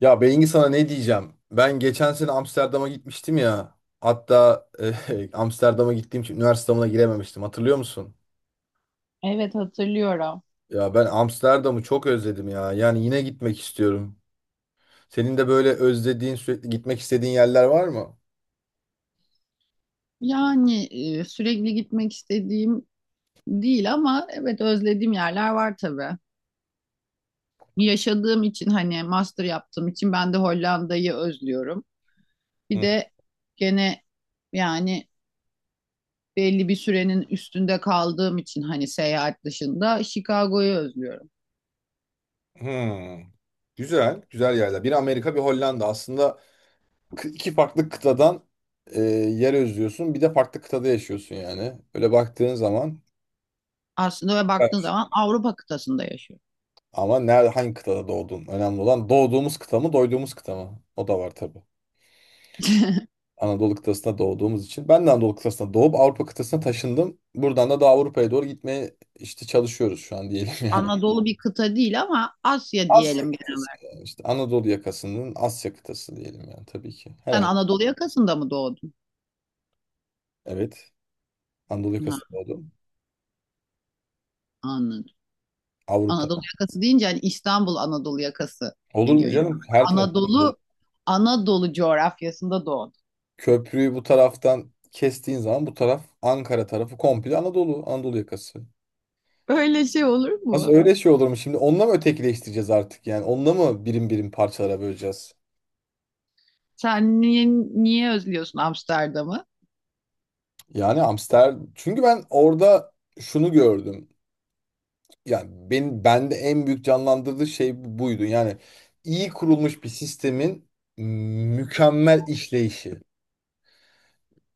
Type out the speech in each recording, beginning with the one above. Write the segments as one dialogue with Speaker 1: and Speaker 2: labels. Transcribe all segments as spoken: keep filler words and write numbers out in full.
Speaker 1: Ya Bengi sana ne diyeceğim? Ben geçen sene Amsterdam'a gitmiştim ya. Hatta eh, Amsterdam'a gittiğim için üniversite üniversiteme girememiştim. Hatırlıyor musun?
Speaker 2: Evet hatırlıyorum.
Speaker 1: Ya ben Amsterdam'ı çok özledim ya. Yani yine gitmek istiyorum. Senin de böyle özlediğin, sürekli gitmek istediğin yerler var mı?
Speaker 2: Yani e, sürekli gitmek istediğim değil ama evet özlediğim yerler var tabii. Yaşadığım için hani master yaptığım için ben de Hollanda'yı özlüyorum. Bir
Speaker 1: Hı
Speaker 2: de gene yani belli bir sürenin üstünde kaldığım için hani seyahat dışında Chicago'yu özlüyorum.
Speaker 1: hı. Güzel, güzel yerler. Bir Amerika, bir Hollanda. Aslında kı- iki farklı kıtadan eh, yer özlüyorsun. Bir de farklı kıtada yaşıyorsun yani. Öyle baktığın zaman.
Speaker 2: Aslında ve baktığın zaman Avrupa kıtasında yaşıyorum.
Speaker 1: Ama nerede hangi kıtada doğdun? Önemli olan doğduğumuz kıta mı, doyduğumuz kıta mı? O da var tabii. Anadolu kıtasında doğduğumuz için. Ben de Anadolu kıtasında doğup Avrupa kıtasına taşındım. Buradan da daha Avrupa'ya doğru gitmeye işte çalışıyoruz şu an diyelim yani.
Speaker 2: Anadolu bir kıta değil ama Asya diyelim
Speaker 1: Asya
Speaker 2: genel
Speaker 1: kıtası
Speaker 2: olarak.
Speaker 1: yani işte Anadolu yakasının Asya kıtası diyelim yani tabii ki.
Speaker 2: Sen
Speaker 1: Herhalde.
Speaker 2: Anadolu yakasında mı doğdun?
Speaker 1: Evet. Anadolu
Speaker 2: Ha,
Speaker 1: yakasında doğdum.
Speaker 2: anladım.
Speaker 1: Avrupa.
Speaker 2: Anadolu yakası deyince hani İstanbul Anadolu yakası
Speaker 1: Olur mu
Speaker 2: geliyor yani.
Speaker 1: canım? Her taraf.
Speaker 2: Anadolu Anadolu coğrafyasında doğdu.
Speaker 1: Köprüyü bu taraftan kestiğin zaman bu taraf Ankara tarafı komple Anadolu. Anadolu yakası.
Speaker 2: Öyle şey olur
Speaker 1: Nasıl
Speaker 2: mu?
Speaker 1: öyle şey olur mu şimdi? Onunla mı ötekileştireceğiz artık yani? Onunla mı birim birim parçalara böleceğiz?
Speaker 2: Sen niye, niye özlüyorsun Amsterdam'ı?
Speaker 1: Yani Amster... Çünkü ben orada şunu gördüm. Yani ben bende en büyük canlandırdığı şey buydu. Yani iyi kurulmuş bir sistemin mükemmel işleyişi.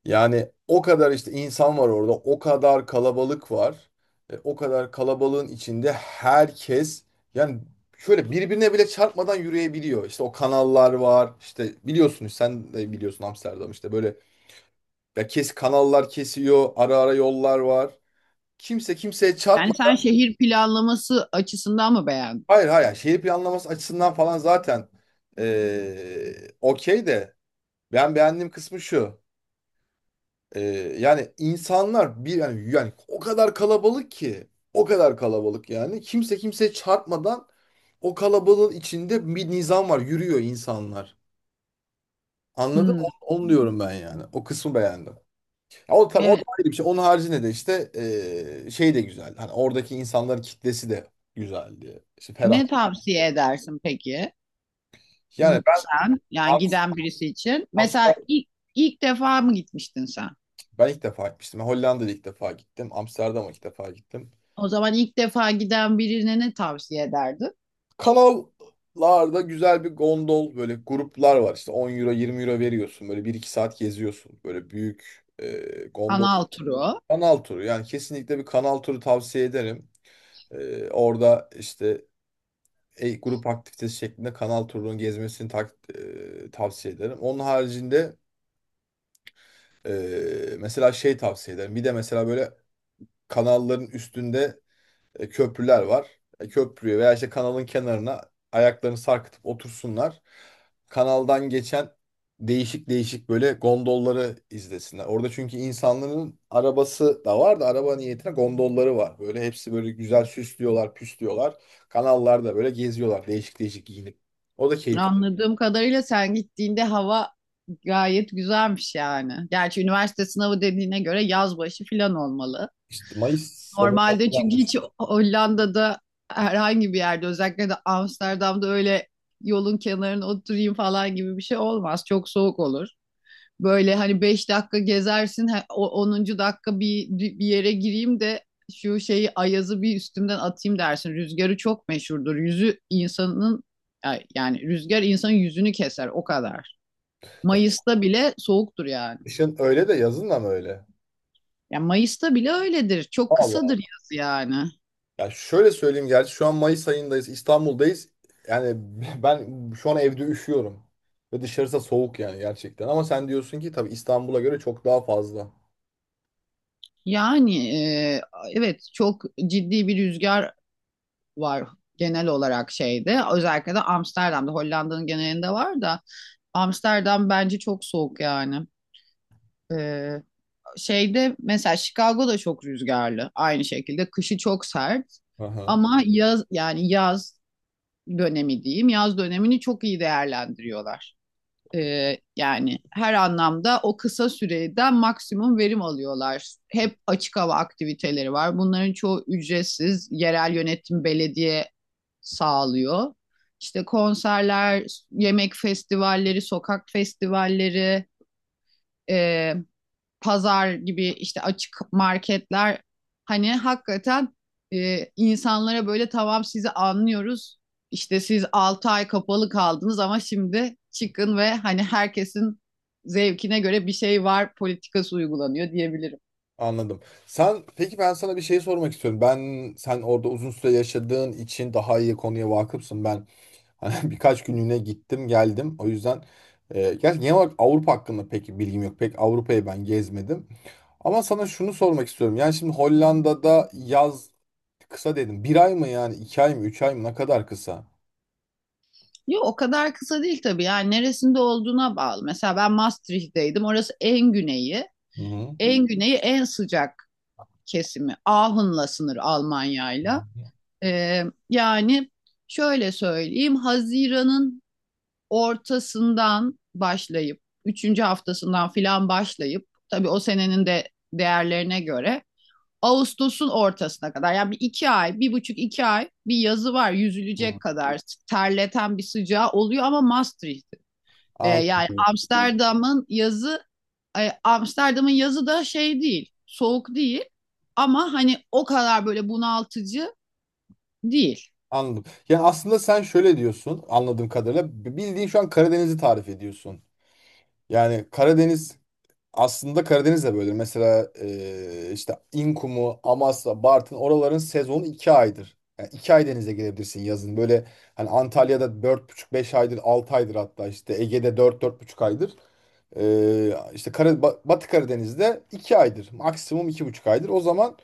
Speaker 1: Yani o kadar işte insan var orada, o kadar kalabalık var. E, o kadar kalabalığın içinde herkes yani şöyle birbirine bile çarpmadan yürüyebiliyor. İşte o kanallar var. İşte biliyorsunuz sen de biliyorsun Amsterdam işte böyle ya kes kanallar kesiyor, ara ara yollar var. Kimse kimseye çarpma.
Speaker 2: Yani sen şehir planlaması açısından mı beğendin?
Speaker 1: Hayır hayır, yani şehir planlaması açısından falan zaten e, okey de ben beğendiğim kısmı şu. Ee, Yani insanlar bir yani, yani o kadar kalabalık ki o kadar kalabalık yani kimse kimseye çarpmadan o kalabalığın içinde bir nizam var, yürüyor insanlar. Anladın
Speaker 2: Hmm.
Speaker 1: mı? Onu diyorum ben yani. O kısmı beğendim. Ya o tabii o da
Speaker 2: Evet.
Speaker 1: ayrı bir şey. Onun haricinde de işte ee, şey de güzel. Hani oradaki insanların kitlesi de güzeldi. İşte ferah.
Speaker 2: Ne tavsiye edersin peki?
Speaker 1: Yani ben
Speaker 2: Gitsen, yani
Speaker 1: Am-
Speaker 2: giden birisi için.
Speaker 1: Amsterdam
Speaker 2: Mesela ilk, ilk defa mı gitmiştin sen?
Speaker 1: ben ilk defa gitmiştim. Hollanda'da ilk defa gittim. Amsterdam'a ilk defa gittim.
Speaker 2: O zaman ilk defa giden birine ne tavsiye ederdin?
Speaker 1: Kanallarda güzel bir gondol böyle gruplar var. İşte on euro yirmi euro veriyorsun. Böyle bir iki saat geziyorsun. Böyle büyük e, gondol.
Speaker 2: Kanal turu.
Speaker 1: Kanal turu. Yani kesinlikle bir kanal turu tavsiye ederim. E, orada işte e, grup aktivitesi şeklinde kanal turunun gezmesini tak, e, tavsiye ederim. Onun haricinde e, mesela şey tavsiye ederim. Bir de mesela böyle kanalların üstünde e, köprüler var. E, köprüye veya işte kanalın kenarına ayaklarını sarkıtıp otursunlar. Kanaldan geçen değişik değişik böyle gondolları izlesinler. Orada çünkü insanların arabası da var da araba niyetine gondolları var. Böyle hepsi böyle güzel süslüyorlar, püslüyorlar. Kanallarda böyle geziyorlar değişik değişik giyinip. O da keyifli.
Speaker 2: Anladığım kadarıyla sen gittiğinde hava gayet güzelmiş yani. Gerçi üniversite sınavı dediğine göre yaz başı falan olmalı.
Speaker 1: İşte Mayıs sonu falan.
Speaker 2: Normalde çünkü hiç Hollanda'da herhangi bir yerde özellikle de Amsterdam'da öyle yolun kenarına oturayım falan gibi bir şey olmaz. Çok soğuk olur. Böyle hani beş dakika gezersin, onuncu dakika bir bir yere gireyim de şu şeyi ayazı bir üstümden atayım dersin. Rüzgarı çok meşhurdur. Yüzü insanın yani rüzgar insanın yüzünü keser o kadar. Mayıs'ta bile soğuktur yani.
Speaker 1: Kışın öyle de yazın da mı öyle?
Speaker 2: Yani Mayıs'ta bile öyledir. Çok
Speaker 1: Allah,
Speaker 2: kısadır yaz yani.
Speaker 1: ya şöyle söyleyeyim, gerçi şu an Mayıs ayındayız, İstanbul'dayız. Yani ben şu an evde üşüyorum. Ve dışarısı da soğuk yani gerçekten. Ama sen diyorsun ki tabii İstanbul'a göre çok daha fazla.
Speaker 2: Yani e, evet çok ciddi bir rüzgar var genel olarak şeyde. Özellikle de Amsterdam'da, Hollanda'nın genelinde var da Amsterdam bence çok soğuk yani. Ee, şeyde mesela Chicago'da çok rüzgarlı aynı şekilde kışı çok sert
Speaker 1: Aha,
Speaker 2: ama yaz yani yaz dönemi diyeyim, yaz dönemini çok iyi değerlendiriyorlar. Ee, yani her anlamda o kısa süreden maksimum verim alıyorlar. Hep açık hava aktiviteleri var. Bunların çoğu ücretsiz. Yerel yönetim belediye sağlıyor. İşte konserler, yemek festivalleri, sokak festivalleri, e, pazar gibi işte açık marketler, hani hakikaten e, insanlara böyle tamam sizi anlıyoruz, İşte siz altı ay kapalı kaldınız ama şimdi çıkın ve hani herkesin zevkine göre bir şey var politikası uygulanıyor diyebilirim.
Speaker 1: anladım. Sen peki, ben sana bir şey sormak istiyorum. Ben sen orada uzun süre yaşadığın için daha iyi konuya vakıfsın. Ben hani birkaç günlüğüne gittim geldim. O yüzden e, gerçi genel olarak Avrupa hakkında pek bilgim yok. Pek Avrupa'yı ben gezmedim. Ama sana şunu sormak istiyorum. Yani şimdi Hollanda'da yaz kısa dedim. Bir ay mı yani? iki ay mı? Üç ay mı? Ne kadar kısa?
Speaker 2: Yok o kadar kısa değil tabii, yani neresinde olduğuna bağlı. Mesela ben Maastricht'teydim, orası en güneyi.
Speaker 1: Hı hı.
Speaker 2: En güneyi, en sıcak kesimi. Ahun'la sınır Almanya'yla. Ee, yani şöyle söyleyeyim, Haziran'ın ortasından başlayıp, üçüncü haftasından filan başlayıp, tabii o senenin de değerlerine göre Ağustos'un ortasına kadar, yani bir iki ay, bir buçuk iki ay bir yazı var,
Speaker 1: Hı.
Speaker 2: yüzülecek kadar terleten bir sıcağı oluyor ama Maastricht. Ee, yani
Speaker 1: Anladım.
Speaker 2: Amsterdam'ın yazı, e, Amsterdam'ın yazı da şey değil, soğuk değil ama hani o kadar böyle bunaltıcı değil.
Speaker 1: Anladım. Yani aslında sen şöyle diyorsun anladığım kadarıyla. Bildiğin şu an Karadeniz'i tarif ediyorsun. Yani Karadeniz Aslında Karadeniz de böyledir. Mesela e, işte İnkumu, Amasya, Bartın oraların sezonu iki aydır. Yani iki ay denize girebilirsin yazın. Böyle hani Antalya'da dört buçuk beş aydır, altı aydır hatta, işte Ege'de dört dört buçuk aydır. E, işte Kara- Ba- Batı Karadeniz'de iki aydır. Maksimum iki buçuk aydır. O zaman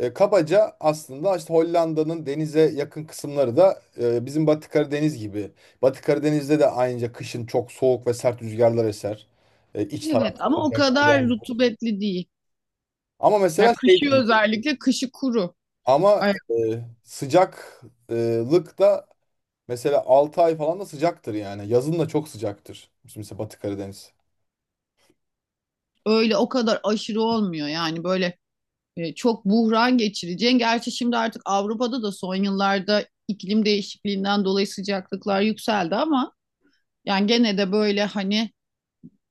Speaker 1: e, kabaca aslında işte Hollanda'nın denize yakın kısımları da e, bizim Batı Karadeniz gibi. Batı Karadeniz'de de aynıca kışın çok soğuk ve sert rüzgarlar eser. E, iç
Speaker 2: Evet
Speaker 1: tarafta
Speaker 2: ama o
Speaker 1: özellikle.
Speaker 2: kadar
Speaker 1: Yani.
Speaker 2: rutubetli değil.
Speaker 1: Ama
Speaker 2: Ya
Speaker 1: mesela şey
Speaker 2: kışı,
Speaker 1: de-
Speaker 2: özellikle kışı kuru.
Speaker 1: ama
Speaker 2: Ay,
Speaker 1: e, sıcaklık da mesela altı ay falan da sıcaktır yani. Yazın da çok sıcaktır. Mesela Batı Karadeniz.
Speaker 2: öyle o kadar aşırı olmuyor yani, böyle e, çok buhran geçireceğin. Gerçi şimdi artık Avrupa'da da son yıllarda iklim değişikliğinden dolayı sıcaklıklar yükseldi ama yani gene de böyle hani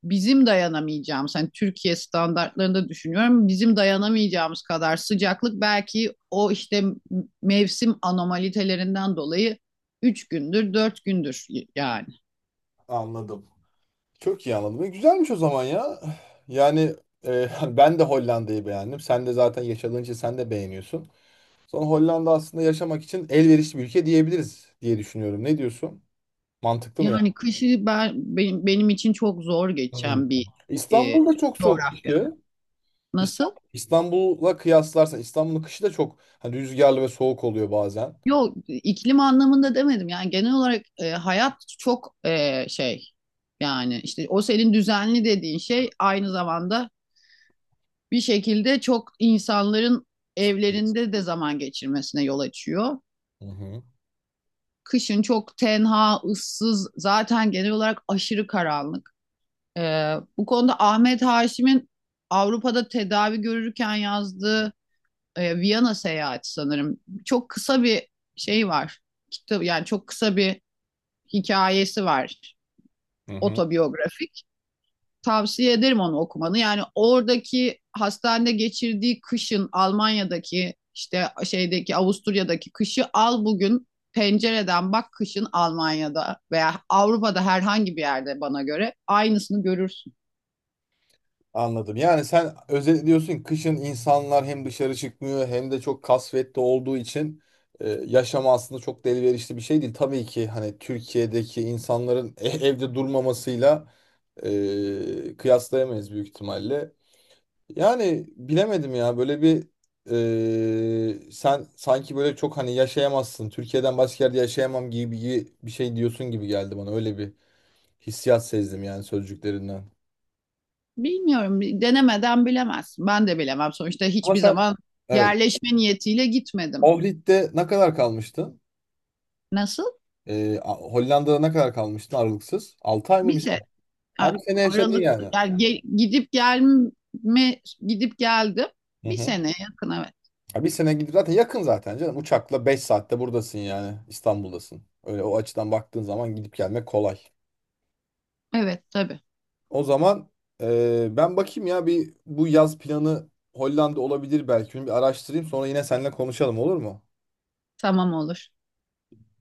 Speaker 2: bizim dayanamayacağımız, hani Türkiye standartlarında düşünüyorum, bizim dayanamayacağımız kadar sıcaklık belki, o işte mevsim anomalitalerinden dolayı üç gündür, dört gündür yani.
Speaker 1: Anladım. Çok iyi anladım. E, güzelmiş o zaman ya. Yani e, ben de Hollanda'yı beğendim. Sen de zaten yaşadığın için sen de beğeniyorsun. Sonra Hollanda aslında yaşamak için elverişli bir ülke diyebiliriz diye düşünüyorum. Ne diyorsun? Mantıklı mı yani?
Speaker 2: Yani kışı ben, benim, benim için çok zor
Speaker 1: Hmm.
Speaker 2: geçen bir e,
Speaker 1: İstanbul'da çok soğuk
Speaker 2: coğrafya.
Speaker 1: kışı.
Speaker 2: Nasıl?
Speaker 1: İstanbul, İstanbul'la kıyaslarsan İstanbul'un kışı da çok hani rüzgarlı ve soğuk oluyor bazen.
Speaker 2: Yok, iklim anlamında demedim. Yani genel olarak e, hayat çok e, şey, yani işte o senin düzenli dediğin şey aynı zamanda bir şekilde çok insanların
Speaker 1: Sıkıntı.
Speaker 2: evlerinde de zaman geçirmesine yol açıyor.
Speaker 1: Hı hı.
Speaker 2: Kışın çok tenha, ıssız, zaten genel olarak aşırı karanlık. E, bu konuda Ahmet Haşim'in Avrupa'da tedavi görürken yazdığı e, Viyana seyahati sanırım. Çok kısa bir şey var. Kitap yani, çok kısa bir hikayesi var.
Speaker 1: Hı hı.
Speaker 2: Otobiyografik. Tavsiye ederim onu okumanı. Yani oradaki hastanede geçirdiği kışın Almanya'daki, işte şeydeki Avusturya'daki kışı al, bugün pencereden bak, kışın Almanya'da veya Avrupa'da herhangi bir yerde bana göre aynısını görürsün.
Speaker 1: Anladım. Yani sen özetliyorsun ki kışın insanlar hem dışarı çıkmıyor hem de çok kasvetli olduğu için e, yaşam aslında çok da elverişli bir şey değil. Tabii ki hani Türkiye'deki insanların e- evde durmamasıyla e, kıyaslayamayız büyük ihtimalle. Yani bilemedim ya, böyle bir e, sen sanki böyle çok hani yaşayamazsın, Türkiye'den başka yerde yaşayamam gibi gibi bir şey diyorsun gibi geldi bana. Öyle bir hissiyat sezdim yani sözcüklerinden.
Speaker 2: Bilmiyorum, denemeden bilemezsin. Ben de bilemem sonuçta,
Speaker 1: Ama
Speaker 2: hiçbir
Speaker 1: sen.
Speaker 2: zaman
Speaker 1: Evet.
Speaker 2: yerleşme niyetiyle gitmedim.
Speaker 1: Ohrid'de ne kadar kalmıştın?
Speaker 2: Nasıl?
Speaker 1: Ee, A- Hollanda'da ne kadar kalmıştın aralıksız? altı ay mı,
Speaker 2: Bir
Speaker 1: bir
Speaker 2: şey,
Speaker 1: sene?
Speaker 2: a-
Speaker 1: Ha, bir sene yaşadın
Speaker 2: aralıksız
Speaker 1: yani.
Speaker 2: yani, ge- gidip gelme gidip geldim,
Speaker 1: Hı
Speaker 2: bir
Speaker 1: hı.
Speaker 2: sene yakın, evet.
Speaker 1: Ha, bir sene gidip zaten yakın zaten canım. Uçakla beş saatte buradasın yani. İstanbul'dasın. Öyle, o açıdan baktığın zaman gidip gelmek kolay.
Speaker 2: Evet tabii.
Speaker 1: O zaman e, ben bakayım ya, bir bu yaz planı Hollanda olabilir belki. Bir araştırayım, sonra yine seninle konuşalım, olur mu?
Speaker 2: Tamam, olur.